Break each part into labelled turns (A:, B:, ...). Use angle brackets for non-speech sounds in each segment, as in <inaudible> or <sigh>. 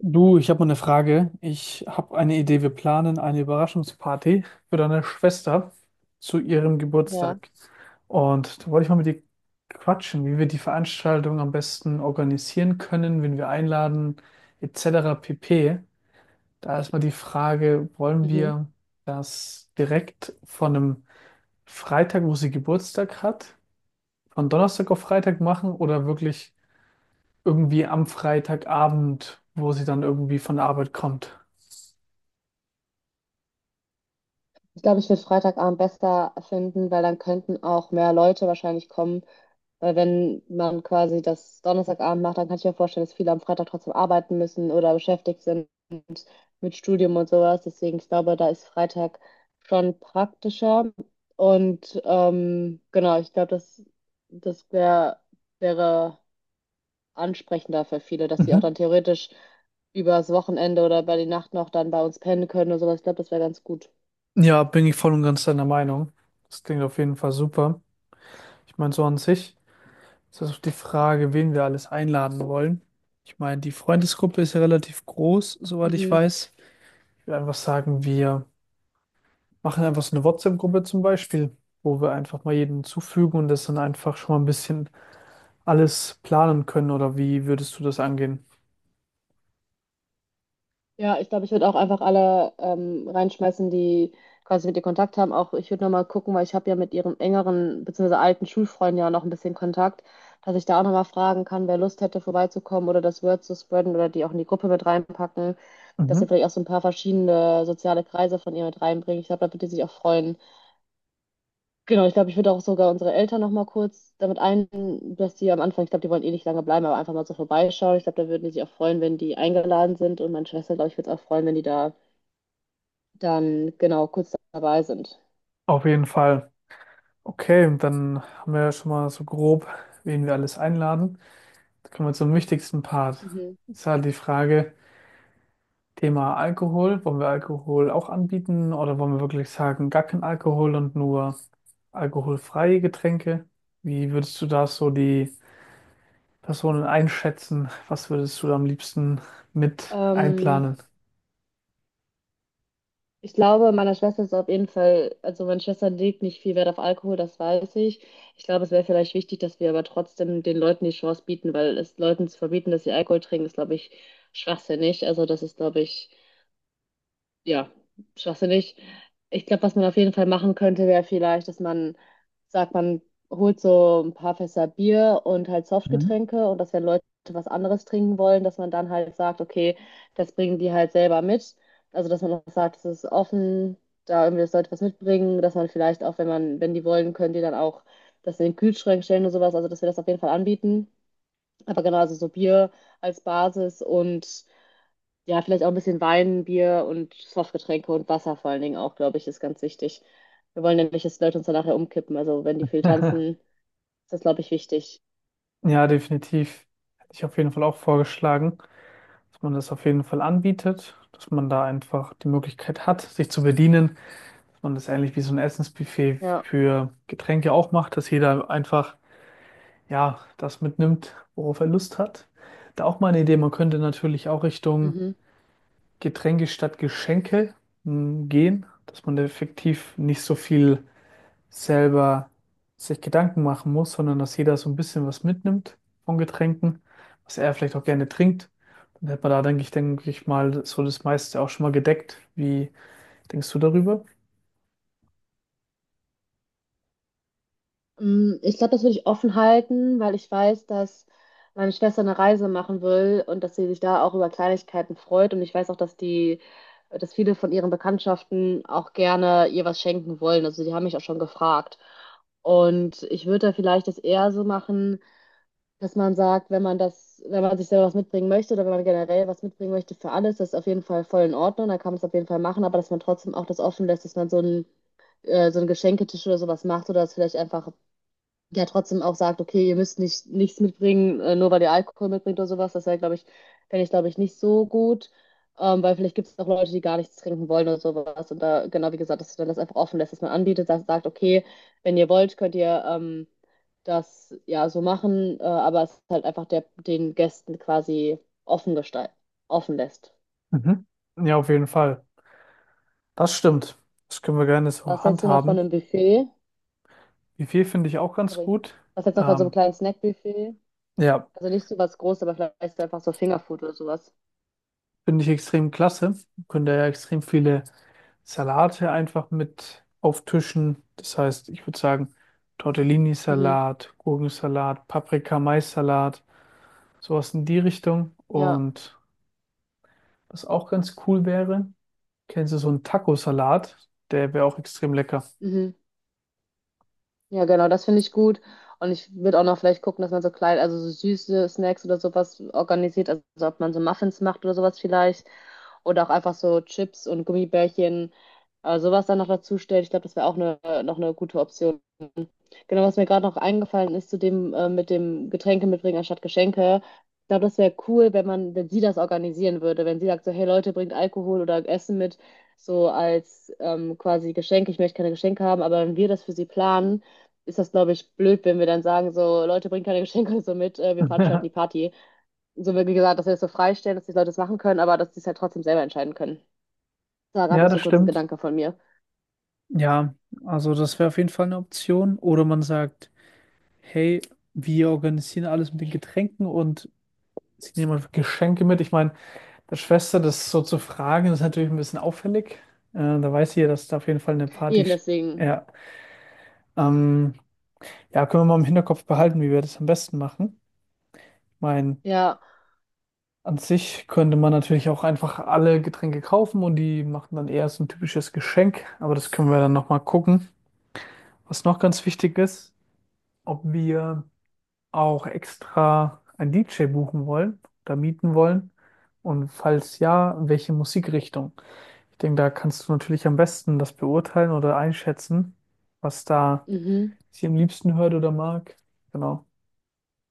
A: Du, ich habe mal eine Frage. Ich habe eine Idee. Wir planen eine Überraschungsparty für deine Schwester zu ihrem
B: Ja.
A: Geburtstag. Und da wollte ich mal mit dir quatschen, wie wir die Veranstaltung am besten organisieren können, wen wir einladen, etc. pp. Da ist mal die Frage, wollen
B: Mhm.
A: wir das direkt von einem Freitag, wo sie Geburtstag hat, von Donnerstag auf Freitag machen oder wirklich irgendwie am Freitagabend, wo sie dann irgendwie von der Arbeit kommt?
B: Ich glaube, ich würde Freitagabend besser finden, weil dann könnten auch mehr Leute wahrscheinlich kommen. Weil wenn man quasi das Donnerstagabend macht, dann kann ich mir vorstellen, dass viele am Freitag trotzdem arbeiten müssen oder beschäftigt sind mit Studium und sowas. Deswegen, ich glaube, da ist Freitag schon praktischer. Und genau, ich glaube, das wär, wäre ansprechender für viele, dass sie auch dann
A: Mhm.
B: theoretisch übers Wochenende oder über die Nacht noch dann bei uns pennen können oder sowas. Ich glaube, das wäre ganz gut.
A: Ja, bin ich voll und ganz deiner Meinung. Das klingt auf jeden Fall super. Ich meine, so an sich ist das auch die Frage, wen wir alles einladen wollen. Ich meine, die Freundesgruppe ist ja relativ groß, soweit ich
B: Mhm.
A: weiß. Ich würde einfach sagen, wir machen einfach so eine WhatsApp-Gruppe zum Beispiel, wo wir einfach mal jeden zufügen und das dann einfach schon mal ein bisschen alles planen können. Oder wie würdest du das angehen?
B: Ja, ich glaube, ich würde auch einfach alle reinschmeißen, die quasi mit ihr Kontakt haben. Auch ich würde nochmal gucken, weil ich habe ja mit ihrem engeren bzw. alten Schulfreund ja noch ein bisschen Kontakt, dass ich da auch nochmal fragen kann, wer Lust hätte, vorbeizukommen oder das Word zu spreaden oder die auch in die Gruppe mit reinpacken, dass wir
A: Mhm.
B: vielleicht auch so ein paar verschiedene soziale Kreise von ihr mit reinbringen. Ich glaube, da wird die sich auch freuen. Genau, ich glaube, ich würde auch sogar unsere Eltern nochmal kurz damit ein, dass die am Anfang, ich glaube, die wollen eh nicht lange bleiben, aber einfach mal so vorbeischauen. Ich glaube, da würden die sich auch freuen, wenn die eingeladen sind und meine Schwester, glaube ich, würde es auch freuen, wenn die da dann genau kurz dabei sind.
A: Auf jeden Fall. Okay, und dann haben wir ja schon mal so grob, wen wir alles einladen. Jetzt kommen wir zum wichtigsten Part.
B: Mhm.
A: Ist halt die Frage, Thema Alkohol. Wollen wir Alkohol auch anbieten oder wollen wir wirklich sagen, gar kein Alkohol und nur alkoholfreie Getränke? Wie würdest du da so die Personen einschätzen? Was würdest du da am liebsten mit
B: Ähm,
A: einplanen?
B: Ich glaube, meiner Schwester ist auf jeden Fall, also meine Schwester legt nicht viel Wert auf Alkohol, das weiß ich. Ich glaube, es wäre vielleicht wichtig, dass wir aber trotzdem den Leuten die Chance bieten, weil es Leuten zu verbieten, dass sie Alkohol trinken, ist, glaube ich, schwachsinnig. Also das ist, glaube ich, ja, schwachsinnig. Ich glaube, was man auf jeden Fall machen könnte, wäre vielleicht, dass man sagt, man holt so ein paar Fässer Bier und halt
A: Mhm.
B: Softgetränke und dass wenn Leute was anderes trinken wollen, dass man dann halt sagt, okay, das bringen die halt selber mit. Also, dass man auch sagt, es ist offen, da irgendwie, dass Leute was mitbringen, dass man vielleicht auch, wenn die wollen, können die dann auch das in den Kühlschrank stellen und sowas. Also, dass wir das auf jeden Fall anbieten. Aber genau, also so Bier als Basis und ja, vielleicht auch ein bisschen Wein, Bier und Softgetränke und Wasser vor allen Dingen auch, glaube ich, ist ganz wichtig. Wir wollen ja nicht, dass die Leute uns dann nachher umkippen. Also wenn die viel tanzen,
A: <laughs>
B: ist das, glaube ich, wichtig.
A: Ja, definitiv. Hätte ich auf jeden Fall auch vorgeschlagen, dass man das auf jeden Fall anbietet, dass man da einfach die Möglichkeit hat, sich zu bedienen. Und das ähnlich wie so ein Essensbuffet
B: Ja.
A: für Getränke auch macht, dass jeder einfach, ja, das mitnimmt, worauf er Lust hat. Da auch mal eine Idee, man könnte natürlich auch Richtung
B: Mhm.
A: Getränke statt Geschenke gehen, dass man da effektiv nicht so viel selber sich Gedanken machen muss, sondern dass jeder so ein bisschen was mitnimmt von Getränken, was er vielleicht auch gerne trinkt. Dann hätte man da, denke ich mal, so das meiste auch schon mal gedeckt. Wie denkst du darüber?
B: Mm, ich glaube, das würde ich offen halten, weil ich weiß, dass meine Schwester eine Reise machen will und dass sie sich da auch über Kleinigkeiten freut. Und ich weiß auch, dass viele von ihren Bekanntschaften auch gerne ihr was schenken wollen. Also die haben mich auch schon gefragt. Und ich würde da vielleicht das eher so machen, dass man sagt, wenn man sich selber was mitbringen möchte oder wenn man generell was mitbringen möchte für alles, das ist auf jeden Fall voll in Ordnung, da kann man es auf jeden Fall machen, aber dass man trotzdem auch das offen lässt, dass man so einen Geschenketisch oder sowas macht oder das vielleicht einfach der trotzdem auch sagt, okay, ihr müsst nicht nichts mitbringen, nur weil ihr Alkohol mitbringt oder sowas. Das wäre, glaube ich, fände ich, glaube ich, nicht so gut. Weil vielleicht gibt es auch Leute, die gar nichts trinken wollen oder sowas. Und da, genau wie gesagt, dass man das einfach offen lässt, dass man anbietet, dass sagt, okay, wenn ihr wollt, könnt ihr das ja so machen, aber es halt einfach der, den Gästen quasi offen gestalten, offen lässt.
A: Mhm. Ja, auf jeden Fall. Das stimmt. Das können wir gerne so
B: Was hältst du noch von
A: handhaben.
B: einem Buffet?
A: Wie viel finde ich auch ganz
B: Sorry.
A: gut.
B: Was hältst du noch von so einem
A: Ähm,
B: kleinen Snackbuffet?
A: ja,
B: Also nicht so was Großes, aber vielleicht einfach so Fingerfood oder sowas.
A: finde ich extrem klasse. Wir können da ja extrem viele Salate einfach mit auftischen. Das heißt, ich würde sagen,
B: Mhm.
A: Tortellini-Salat, Gurkensalat, Paprika-Mais-Salat, sowas in die Richtung.
B: Ja,
A: Und was auch ganz cool wäre, kennst du so einen Taco-Salat? Der wäre auch extrem lecker.
B: mhm. Ja, genau, das finde ich gut. Und ich würde auch noch vielleicht gucken, dass man so klein, also so süße Snacks oder sowas organisiert. Also ob man so Muffins macht oder sowas vielleicht. Oder auch einfach so Chips und Gummibärchen, sowas dann noch dazu stellt. Ich glaube, das wäre auch eine, noch eine gute Option. Genau, was mir gerade noch eingefallen ist zu dem mit dem Getränke mitbringen anstatt Geschenke. Ich glaube, das wäre cool, wenn sie das organisieren würde, wenn sie sagt so, hey Leute, bringt Alkohol oder Essen mit, so als quasi Geschenk. Ich möchte keine Geschenke haben, aber wenn wir das für sie planen, ist das, glaube ich, blöd, wenn wir dann sagen so, Leute, bringt keine Geschenke <laughs> so mit, wir veranstalten die
A: <laughs>
B: Party. So wie gesagt, dass wir das so freistellen, dass die Leute das machen können, aber dass sie es halt trotzdem selber entscheiden können. Das war gerade
A: Ja,
B: noch so
A: das
B: kurz ein
A: stimmt.
B: Gedanke von mir.
A: Ja, also das wäre auf jeden Fall eine Option. Oder man sagt, hey, wir organisieren alles mit den Getränken und sie nehmen einfach Geschenke mit. Ich meine, der Schwester das so zu fragen, ist natürlich ein bisschen auffällig. Da weiß sie ja, dass da auf jeden Fall eine Party.
B: Eben
A: st-
B: deswegen,
A: Ja, ähm, ja, können wir mal im Hinterkopf behalten, wie wir das am besten machen. Ich meine,
B: ja.
A: an sich könnte man natürlich auch einfach alle Getränke kaufen und die machen dann eher so ein typisches Geschenk. Aber das können wir dann nochmal gucken. Was noch ganz wichtig ist, ob wir auch extra einen DJ buchen wollen oder mieten wollen? Und falls ja, welche Musikrichtung? Ich denke, da kannst du natürlich am besten das beurteilen oder einschätzen, was da
B: Mhm.
A: sie am liebsten hört oder mag. Genau.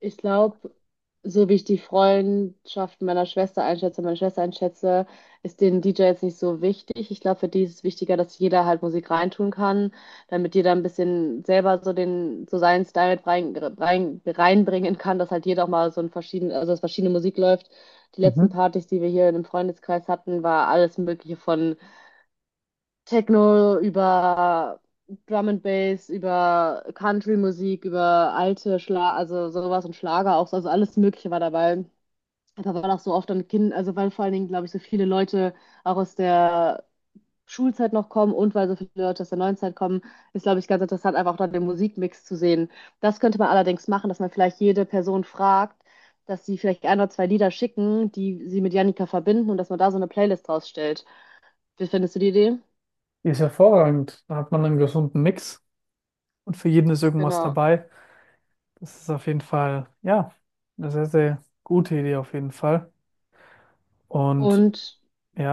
B: Ich glaube, so wie ich die Freundschaft meiner Schwester einschätze, meine Schwester einschätze, ist den DJ jetzt nicht so wichtig. Ich glaube, für die ist es wichtiger, dass jeder halt Musik reintun kann, damit jeder ein bisschen selber so so seinen Style mit reinbringen kann, dass halt jeder auch mal so ein verschieden, also dass verschiedene Musik läuft. Die letzten
A: Mhm.
B: Partys, die wir hier in dem Freundeskreis hatten, war alles Mögliche von Techno, über Drum and Bass, über Country-Musik, über alte Schla also sowas und Schlager auch, also alles Mögliche war dabei. Einfach weil auch so oft dann Kind, also weil vor allen Dingen, glaube ich, so viele Leute auch aus der Schulzeit noch kommen und weil so viele Leute aus der neuen Zeit kommen, ist, glaube ich, ganz interessant, einfach auch dann den Musikmix zu sehen. Das könnte man allerdings machen, dass man vielleicht jede Person fragt, dass sie vielleicht ein oder zwei Lieder schicken, die sie mit Janika verbinden und dass man da so eine Playlist draus stellt. Wie findest du die Idee?
A: Die ist hervorragend. Da hat man einen gesunden Mix und für jeden ist irgendwas
B: Genau.
A: dabei. Das ist auf jeden Fall, ja, eine sehr, sehr gute Idee auf jeden Fall. Und
B: Und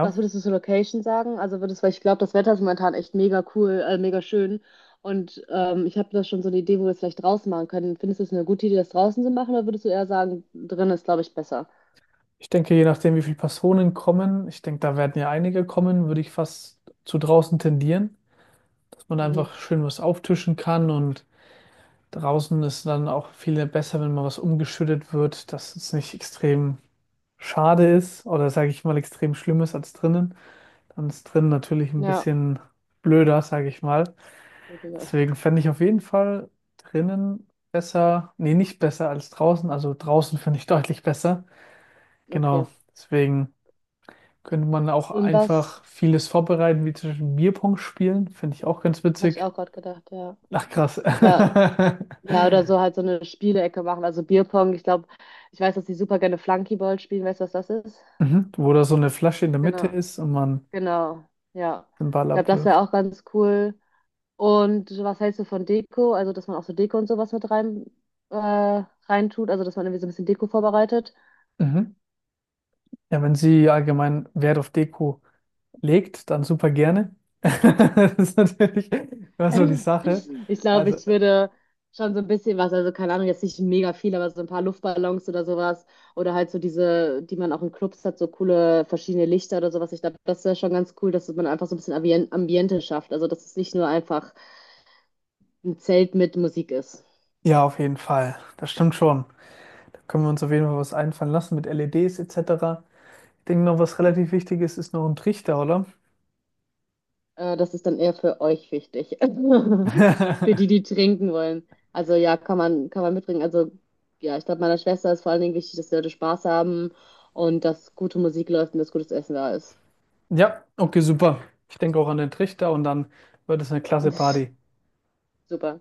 B: was würdest du zur Location sagen? Also würdest, weil ich glaube, das Wetter ist momentan echt mega cool, mega schön. Und ich habe da schon so eine Idee, wo wir es vielleicht draußen machen können. Findest du es eine gute Idee, das draußen zu machen, oder würdest du eher sagen, drin ist, glaube ich, besser?
A: Ich denke, je nachdem, wie viele Personen kommen, ich denke, da werden ja einige kommen, würde ich fast zu draußen tendieren, dass man da
B: Mhm.
A: einfach schön was auftischen kann und draußen ist dann auch viel besser, wenn mal was umgeschüttet wird, dass es nicht extrem schade ist oder sage ich mal extrem schlimm ist als drinnen. Dann ist drinnen natürlich ein
B: Ja.
A: bisschen blöder, sage ich mal.
B: Weniger.
A: Deswegen fände ich auf jeden Fall drinnen besser, nee, nicht besser als draußen, also draußen finde ich deutlich besser. Genau,
B: Okay.
A: deswegen. Könnte man auch
B: Und was
A: einfach vieles vorbereiten, wie zum Beispiel Bierpong spielen. Finde ich auch ganz
B: hatte ich
A: witzig.
B: auch gerade gedacht, ja.
A: Ach, krass.
B: Ja, ja, oder
A: <laughs>
B: so halt so eine Spielecke machen, also Bierpong. Ich glaube, ich weiß, dass die super gerne Flunkyball spielen. Weißt du, was das ist?
A: Mhm. Wo da so eine Flasche in der Mitte
B: Genau,
A: ist und man
B: genau, ja.
A: den Ball
B: Ich glaube, das wäre
A: abwirft.
B: auch ganz cool. Und so was hältst du von Deko? Also, dass man auch so Deko und sowas mit äh, reintut, also dass man irgendwie so ein bisschen Deko vorbereitet. <clears throat>
A: Mhm. Ja, wenn sie allgemein Wert auf Deko legt, dann super gerne. <laughs> Das ist natürlich immer so die
B: <laughs>
A: Sache.
B: Ich glaube,
A: Also,
B: ich würde schon so ein bisschen was, also keine Ahnung, jetzt nicht mega viel, aber so ein paar Luftballons oder sowas. Oder halt so diese, die man auch in Clubs hat, so coole verschiedene Lichter oder sowas. Ich glaube, das wäre schon ganz cool, dass man einfach so ein bisschen Ambiente schafft. Also, dass es nicht nur einfach ein Zelt mit Musik ist.
A: ja, auf jeden Fall. Das stimmt schon. Da können wir uns auf jeden Fall was einfallen lassen mit LEDs etc. Ich denke noch, was relativ wichtig ist, ist noch ein Trichter, oder?
B: Das ist dann eher für euch wichtig. <laughs> Für die,
A: <laughs>
B: die trinken wollen. Also ja, kann man mitbringen. Also ja, ich glaube, meiner Schwester ist vor allen Dingen wichtig, dass die Leute Spaß haben und dass gute Musik läuft und dass gutes Essen da ist.
A: Ja, okay, super. Ich denke auch an den Trichter und dann wird es eine
B: <laughs>
A: klasse
B: Pff,
A: Party.
B: super.